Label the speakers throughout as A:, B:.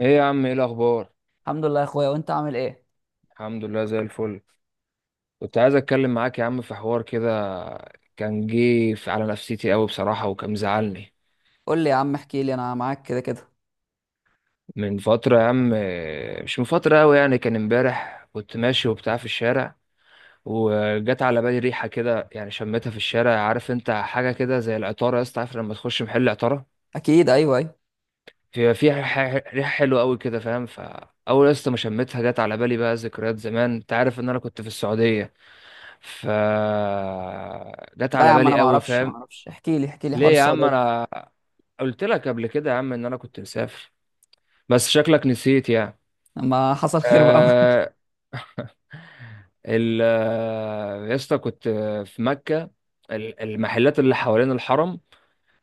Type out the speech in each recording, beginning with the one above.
A: ايه يا عم، ايه الاخبار؟
B: الحمد لله يا اخويا، وانت عامل ايه؟
A: الحمد لله، زي الفل. كنت عايز اتكلم معاك يا عم في حوار كده. كان جه على نفسيتي قوي بصراحه، وكان مزعلني
B: قول لي يا عم، احكي لي، انا معاك كده كده.
A: من فتره يا عم، مش من فتره قوي يعني. كان امبارح كنت ماشي وبتاع في الشارع، وجت على بالي ريحه كده، يعني شميتها في الشارع. عارف انت حاجه كده زي العطاره يا اسطى؟ عارف لما تخش محل عطاره
B: اكيد، ايوه، ايوه.
A: في فيها ريحه حلوه قوي كده فاهم؟ فاول يا اسطى ما شميتها جت على بالي بقى ذكريات زمان. انت عارف ان انا كنت في السعوديه. ف جت
B: لا يا
A: على
B: عم، انا
A: بالي
B: ما
A: قوي،
B: اعرفش ما
A: فاهم؟
B: اعرفش احكي لي حوار
A: ليه يا عم؟
B: السعوديه ده.
A: انا قلت لك قبل كده يا عم ان انا كنت مسافر، بس شكلك نسيت يعني.
B: لما حصل خير بقى.
A: آه. ال آه، يا اسطى، كنت في مكة. المحلات اللي حوالين الحرم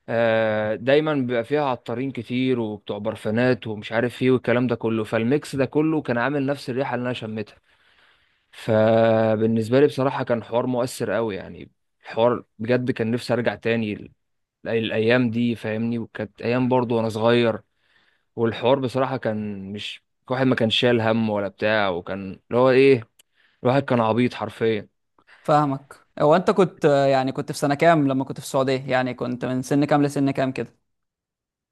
A: دايما بيبقى فيها عطارين كتير وبتوع برفانات ومش عارف ايه، والكلام ده كله. فالميكس ده كله كان عامل نفس الريحة اللي انا شميتها. فبالنسبة لي بصراحة كان حوار مؤثر قوي يعني. الحوار بجد كان نفسي ارجع تاني الايام دي فاهمني. وكانت ايام برضو وانا صغير. والحوار بصراحه كان مش، الواحد ما كان شايل هم ولا بتاع، وكان اللي هو ايه، الواحد كان عبيط حرفيا.
B: فاهمك، هو انت كنت يعني كنت في سنه كام لما كنت في السعوديه؟ يعني كنت من سن كام لسن كام كده؟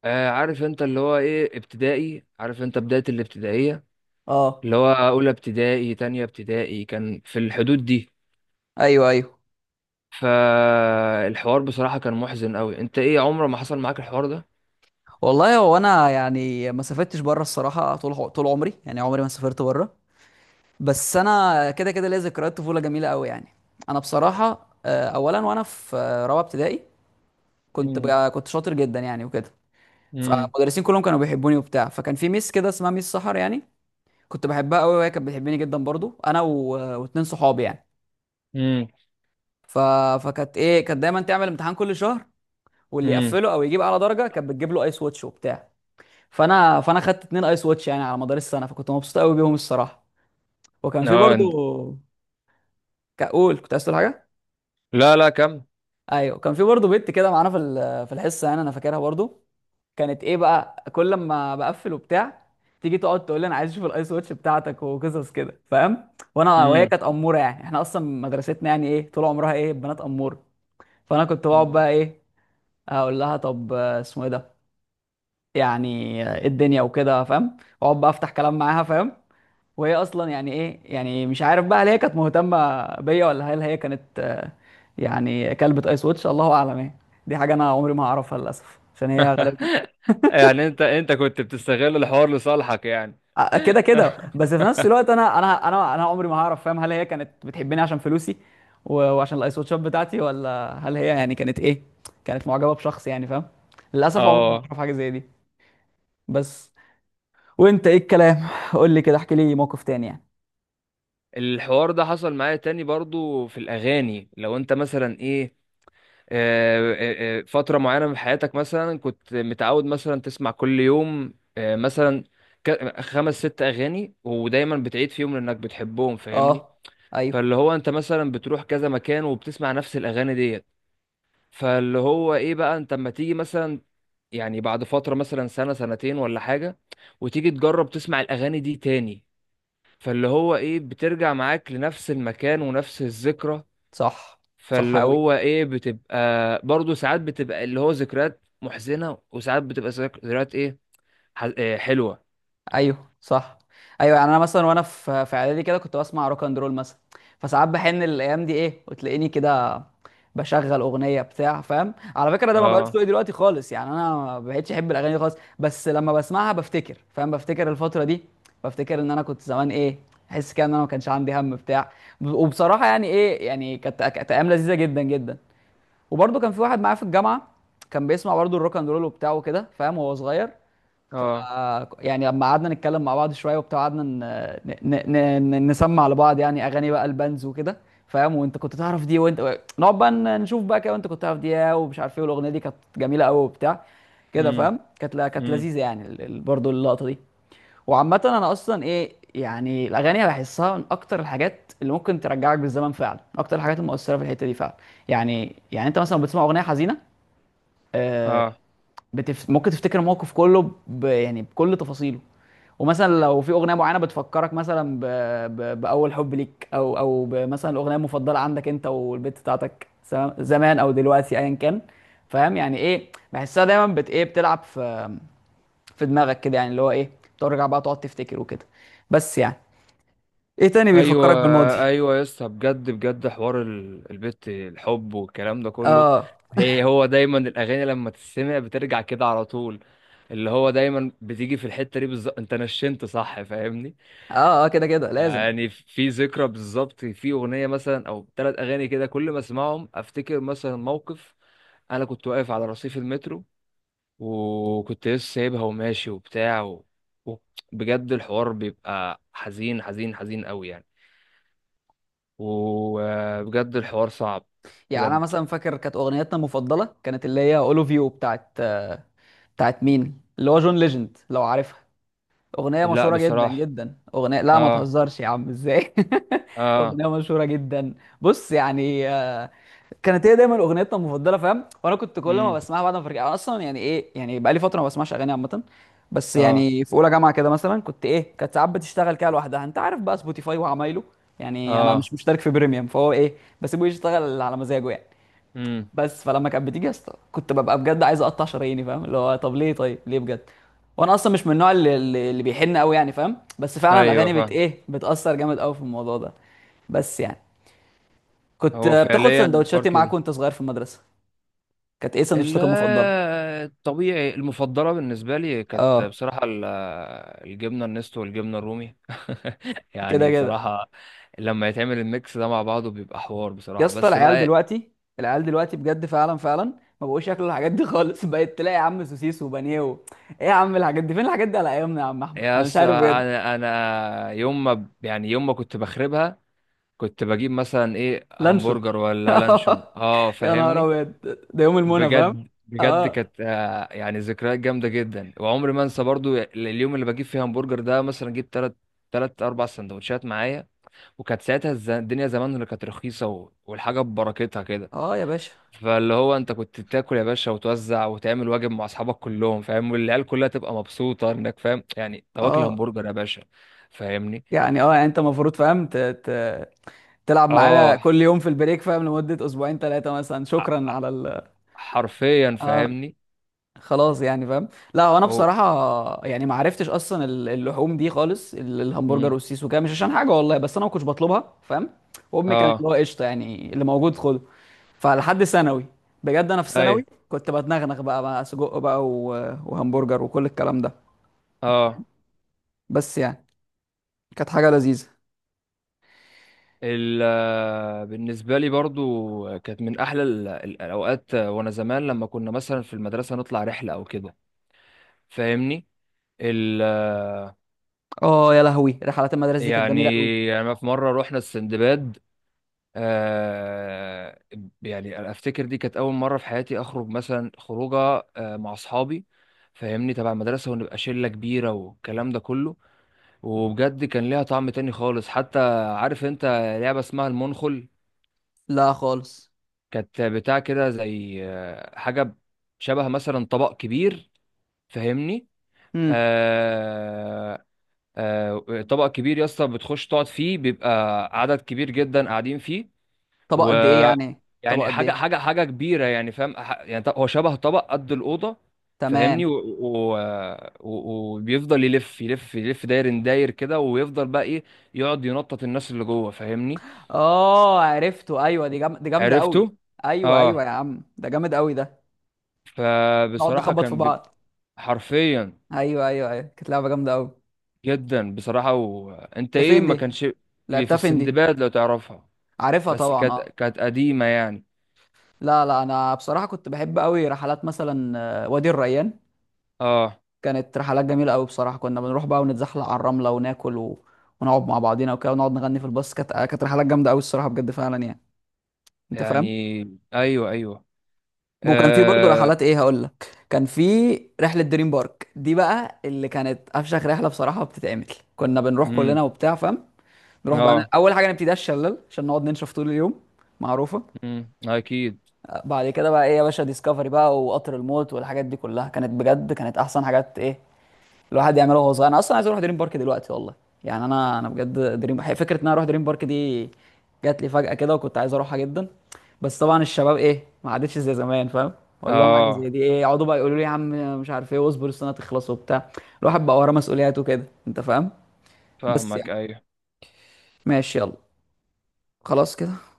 A: آه، عارف انت اللي هو ايه، ابتدائي، عارف انت بدايه الابتدائيه،
B: اه.
A: اللي هو اولى ابتدائي، تانية ابتدائي، كان في الحدود دي.
B: ايوه، ايوه.
A: فالحوار بصراحه كان محزن قوي. انت ايه، عمره ما حصل معاك الحوار ده؟
B: والله، هو انا يعني ما سافرتش بره الصراحه طول طول عمري، يعني عمري ما سافرت بره. بس انا كده كده ليا ذكريات طفوله جميله قوي يعني. انا بصراحه اولا وانا في رابعه ابتدائي. كنت
A: امم.
B: بقى كنت شاطر جدا يعني وكده.
A: امم.
B: فالمدرسين كلهم كانوا بيحبوني وبتاع، فكان في ميس كده اسمها ميس سحر يعني. كنت بحبها قوي وهي كانت بتحبني جدا برضو، انا واتنين صحابي يعني.
A: امم.
B: ف... فكانت ايه، كانت دايما تعمل امتحان كل شهر. واللي
A: امم.
B: يقفله او يجيب اعلى درجه كانت بتجيب له ايس واتش وبتاع. فانا خدت اتنين ايس واتش يعني على مدار السنه، فكنت مبسوط قوي بيهم الصراحه. وكان في
A: اه،
B: برضو. كقول كنت عايز تقول حاجه؟
A: لا لا كم.
B: ايوه، كان في برضو بنت كده معانا في الحصه يعني، انا فاكرها برضو. كانت ايه بقى، كل ما بقفل وبتاع تيجي تقعد تقول لي انا عايز اشوف الايس واتش بتاعتك وقصص كده، فاهم؟ وانا، وهي
A: امم.
B: كانت اموره يعني، احنا اصلا مدرستنا يعني ايه، طول عمرها ايه، بنات اموره. فانا كنت بقعد بقى ايه، اقول لها طب اسمه ايه ده؟ يعني ايه الدنيا وكده، فاهم؟ واقعد بقى افتح كلام معاها، فاهم؟ وهي اصلا يعني ايه، يعني مش عارف بقى هل هي كانت مهتمه بيا، ولا هل هي كانت يعني كلبة ايس واتش، الله اعلم ايه. دي حاجه انا عمري ما هعرفها للاسف، عشان هي غالبا
A: يعني انت كنت بتستغل الحوار لصالحك يعني؟
B: كده كده، بس في نفس الوقت انا عمري ما هعرف، فاهم، هل هي كانت بتحبني عشان فلوسي وعشان الايس واتشات بتاعتي، ولا هل هي يعني كانت ايه، كانت معجبه بشخص يعني، فاهم؟ للاسف، عمري ما
A: اه.
B: اعرف حاجه زي دي. بس. وانت ايه الكلام؟ قول لي كده، احكي لي موقف تاني يعني.
A: الحوار ده حصل معايا تاني برضو في الاغاني. لو انت مثلا ايه، فترة معينة من حياتك، مثلا كنت متعود مثلا تسمع كل يوم، مثلا خمس ست اغاني، ودايما بتعيد فيهم لانك بتحبهم فاهمني؟
B: اه. ايوه،
A: فاللي هو انت مثلا بتروح كذا مكان وبتسمع نفس الاغاني ديت. فاللي هو ايه بقى، انت اما تيجي مثلا، يعني بعد فترة مثلا سنة سنتين ولا حاجة، وتيجي تجرب تسمع الأغاني دي تاني، فاللي هو ايه، بترجع معاك لنفس المكان ونفس الذكرى.
B: صح. صح
A: فاللي
B: قوي.
A: هو ايه بتبقى، برضو ساعات بتبقى اللي هو ذكريات محزنة، وساعات بتبقى ذكريات ايه، إيه، حلوة.
B: ايوه، صح. ايوه، يعني انا مثلا وانا في اعدادي كده، كنت بسمع روك اند رول مثلا. فساعات بحن الايام دي ايه، وتلاقيني كده بشغل اغنيه بتاع، فاهم. على فكره ده ما بقاش
A: اه.
B: ذوقي دلوقتي خالص، يعني انا ما بقتش احب الاغاني دي خالص، بس لما بسمعها بفتكر، فاهم، بفتكر الفتره دي. بفتكر ان انا كنت زمان ايه، احس كده ان انا ما كانش عندي هم بتاع. وبصراحه يعني ايه، يعني كانت ايام لذيذه جدا جدا. وبرده كان في واحد معايا في الجامعه، كان بيسمع برضه الروك اند رول وبتاعه كده، فاهم، وهو صغير. ف
A: اه.
B: يعني لما قعدنا نتكلم مع بعض شويه وبتاع، قعدنا نسمع لبعض يعني اغاني بقى البانز وكده، فاهم. وانت كنت تعرف دي؟ وانت نقعد بقى نشوف بقى كده، وانت كنت تعرف دي إيه، ومش عارف ايه، والاغنيه دي كانت جميله قوي وبتاع. كده
A: امم.
B: فاهم، كانت
A: امم.
B: لذيذه يعني برضو اللقطه دي. وعامه، انا اصلا ايه، يعني الاغاني بحسها من اكتر الحاجات اللي ممكن ترجعك بالزمن فعلا، من اكتر الحاجات المؤثره في الحته دي فعلا. يعني انت مثلا بتسمع اغنيه حزينه، آه،
A: اه.
B: ممكن تفتكر الموقف كله، يعني بكل تفاصيله. ومثلا لو في اغنيه معينه بتفكرك مثلا باول حب ليك، او مثلا الاغنيه المفضله عندك انت والبت بتاعتك، سواء زمان او دلوقتي ايا كان. فاهم، يعني ايه بحسها دايما بت ايه بتلعب في في دماغك كده، يعني اللي هو ايه، بترجع بقى تقعد تفتكر وكده. بس يعني، ايه تاني
A: ايوه،
B: بيفكرك بالماضي؟
A: ايوه يا اسطى، بجد بجد، حوار البت، الحب والكلام ده كله.
B: اه،
A: هو دايما الاغاني لما تسمع بترجع كده على طول. اللي هو دايما بتيجي في الحته دي بالظبط، انت نشنت، صح فاهمني؟
B: اه، اه، كده كده لازم.
A: يعني في ذكرى بالظبط، في اغنيه مثلا او ثلاث اغاني كده، كل ما اسمعهم افتكر مثلا موقف. انا كنت واقف على رصيف المترو، وكنت لسه سايبها وماشي وبتاع و- بجد الحوار بيبقى حزين حزين حزين قوي يعني. وبجد الحوار صعب.
B: يعني انا
A: بجد.
B: مثلا فاكر كانت اغنيتنا المفضله، كانت اللي هي اولوف يو بتاعت مين؟ اللي هو جون ليجند لو عارفها. اغنيه
A: لا،
B: مشهوره جدا
A: بصراحة.
B: جدا، اغنيه، لا ما
A: اه.
B: تهزرش يا عم ازاي.
A: اه.
B: اغنيه مشهوره جدا. بص يعني كانت هي دايما اغنيتنا المفضله، فاهم. وانا كنت كل ما
A: امم.
B: بسمعها بعد ما برجع. أنا اصلا يعني ايه، يعني بقالي فتره ما بسمعش اغاني عامه. بس
A: اه.
B: يعني، في اولى جامعه كده مثلا، كنت ايه، كانت ساعات بتشتغل كده لوحدها، انت عارف بقى سبوتيفاي وعمايله. يعني انا
A: اه.
B: مش مشترك في بريميوم، فهو ايه، بسيبه يشتغل على مزاجه يعني.
A: امم.
B: بس فلما كانت بتيجي يا اسطى، كنت ببقى بجد عايز اقطع شراييني، فاهم، اللي هو طب ليه طيب ليه بجد. وانا اصلا مش من النوع اللي بيحن قوي يعني، فاهم، بس فعلا
A: ايوه،
B: الاغاني بت
A: فاهم.
B: ايه بتاثر جامد قوي في الموضوع ده. بس يعني، كنت
A: هو
B: بتاخد
A: فعليا حوار
B: سندوتشاتي معاك
A: كده.
B: وانت صغير في المدرسه؟ كانت ايه
A: ال-
B: سندوتشاتك المفضله؟
A: الطبيعي المفضلة بالنسبة لي كانت
B: اه،
A: بصراحة الجبنة النستو والجبنة الرومي.
B: كده
A: يعني
B: كده.
A: بصراحة، لما يتعمل الميكس ده مع بعضه بيبقى حوار
B: يا
A: بصراحة،
B: اسطى،
A: بس بقى.
B: العيال دلوقتي بجد فعلا فعلا ما بقوش ياكلوا الحاجات دي خالص. بقيت تلاقي يا عم سوسيس وبانيه ايه يا عم، الحاجات دي، فين الحاجات دي على ايامنا يا عم احمد،
A: يا
B: انا مش
A: اسطى
B: عارف بجد.
A: انا يوم ما يعني يوم ما كنت بخربها كنت بجيب مثلا ايه،
B: لانشون!
A: همبرجر ولا لانشون، اه
B: يا نهار
A: فاهمني.
B: ابيض! ده يوم المنى، فاهم.
A: بجد بجد
B: اه،
A: كانت يعني ذكريات جامده جدا. وعمري ما انسى برضو اليوم اللي بجيب فيه همبرجر ده، مثلا جبت تلات اربع سندوتشات معايا. وكانت ساعتها الدنيا زمان اللي كانت رخيصه والحاجه ببركتها كده.
B: اه يا باشا.
A: فاللي هو انت كنت تاكل يا باشا، وتوزع، وتعمل واجب مع اصحابك كلهم فاهم. والعيال كلها تبقى مبسوطه انك فاهم يعني تاكل
B: اه
A: همبرجر يا باشا فاهمني؟
B: يعني، انت المفروض فاهم تلعب معايا
A: اه.
B: كل يوم في البريك، فاهم، لمدة اسبوعين ثلاثة مثلا،
A: ع-
B: شكرا
A: ع-
B: على ال.
A: حرفيا
B: اه،
A: فاهمني.
B: خلاص يعني، فاهم. لا، وانا بصراحة يعني ما عرفتش اصلا اللحوم دي خالص، الهمبرجر
A: مم.
B: والسوسيس وكده، مش عشان حاجة والله، بس انا ما كنتش بطلبها، فاهم. وامي كانت اللي
A: اه.
B: هو قشطة يعني، اللي موجود خده. فلحد ثانوي، بجد انا في
A: ايوه.
B: ثانوي كنت بتنغنغ بقى سجق بقى وهمبرجر وكل الكلام ده.
A: اه.
B: بس يعني، كانت حاجه لذيذه.
A: ال آه، بالنسبه لي برضو كانت من احلى الاوقات. وانا زمان لما كنا مثلا في المدرسه نطلع رحله او كده فاهمني. ال آه،
B: اه، يا لهوي، رحلات المدرسه دي كانت
A: يعني
B: جميله قوي.
A: في مره رحنا السندباد. آه يعني افتكر دي كانت اول مره في حياتي اخرج مثلا خروجه مع اصحابي فاهمني، تبع المدرسه، ونبقى شله كبيره والكلام ده كله. وبجد كان ليها طعم تاني خالص. حتى عارف انت لعبه اسمها المنخل؟
B: لا خالص.
A: كانت بتاع كده زي حاجة شبه مثلا طبق كبير فاهمني.
B: امم.
A: آه طبق كبير يا اسطى، بتخش تقعد فيه، بيبقى عدد كبير جدا قاعدين فيه.
B: طبق
A: و
B: قد ايه يعني؟ طبق
A: يعني
B: قد
A: حاجة
B: ايه؟
A: حاجة حاجة كبيرة، يعني فاهم، يعني هو شبه طبق قد الأوضة فاهمني،
B: تمام.
A: و- وبيفضل يلف يلف يلف داير داير كده، ويفضل بقى ايه، يقعد ينطط الناس اللي جوه فاهمني؟
B: اه، عرفته، ايوه، دي جامده قوي.
A: عرفته؟
B: ايوه، ايوه
A: اه.
B: يا عم، ده جامد قوي ده. نقعد
A: فبصراحة
B: نخبط في
A: كان
B: بعض.
A: حرفيا،
B: ايوه، ايوه، ايوه، كانت لعبه جامده قوي.
A: جدا بصراحة. وانت
B: ده
A: ايه،
B: فين
A: ما
B: دي؟
A: كانش، في
B: لعبتها فين دي؟
A: السندباد لو تعرفها،
B: عارفها
A: بس
B: طبعا،
A: كانت
B: اه.
A: كانت قديمة يعني.
B: لا، لا، انا بصراحه كنت بحب قوي رحلات، مثلا وادي الريان.
A: اه،
B: كانت رحلات جميله قوي بصراحه، كنا بنروح بقى ونتزحلق على الرمله وناكل ونقعد مع بعضينا وكده، ونقعد نغني في الباص، كانت رحلات جامده قوي الصراحه، بجد فعلا يعني. انت
A: يعني،
B: فاهم؟
A: ايوه ايوه.
B: وكان في برضه
A: اه.
B: رحلات ايه، هقول لك، كان في رحله دريم بارك دي بقى، اللي كانت افشخ رحله بصراحه بتتعمل. كنا بنروح كلنا
A: امم.
B: وبتاع، فاهم، نروح بقى
A: اه.
B: اول حاجه نبتدي الشلال عشان نقعد ننشف طول اليوم، معروفه.
A: امم. اكيد.
B: بعد كده بقى ايه يا باشا، ديسكفري بقى وقطر الموت والحاجات دي كلها كانت بجد، كانت احسن حاجات ايه الواحد يعملها وهو صغير. انا اصلا عايز اروح دريم بارك دلوقتي والله. يعني انا بجد دريم، فكره ان انا اروح دريم بارك دي جات لي فجاه كده، وكنت عايز اروحها جدا. بس طبعا الشباب ايه، ما عادتش زي زمان، فاهم. اقول لهم حاجه زي
A: اه.
B: دي ايه، يقعدوا بقى يقولوا لي يا عم مش عارف ايه، واصبر السنه تخلص وبتاع. الواحد بقى وراه مسؤوليات وكده، انت فاهم. بس
A: فاهمك،
B: يعني،
A: ايوه.
B: ماشي، يلا، خلاص كده.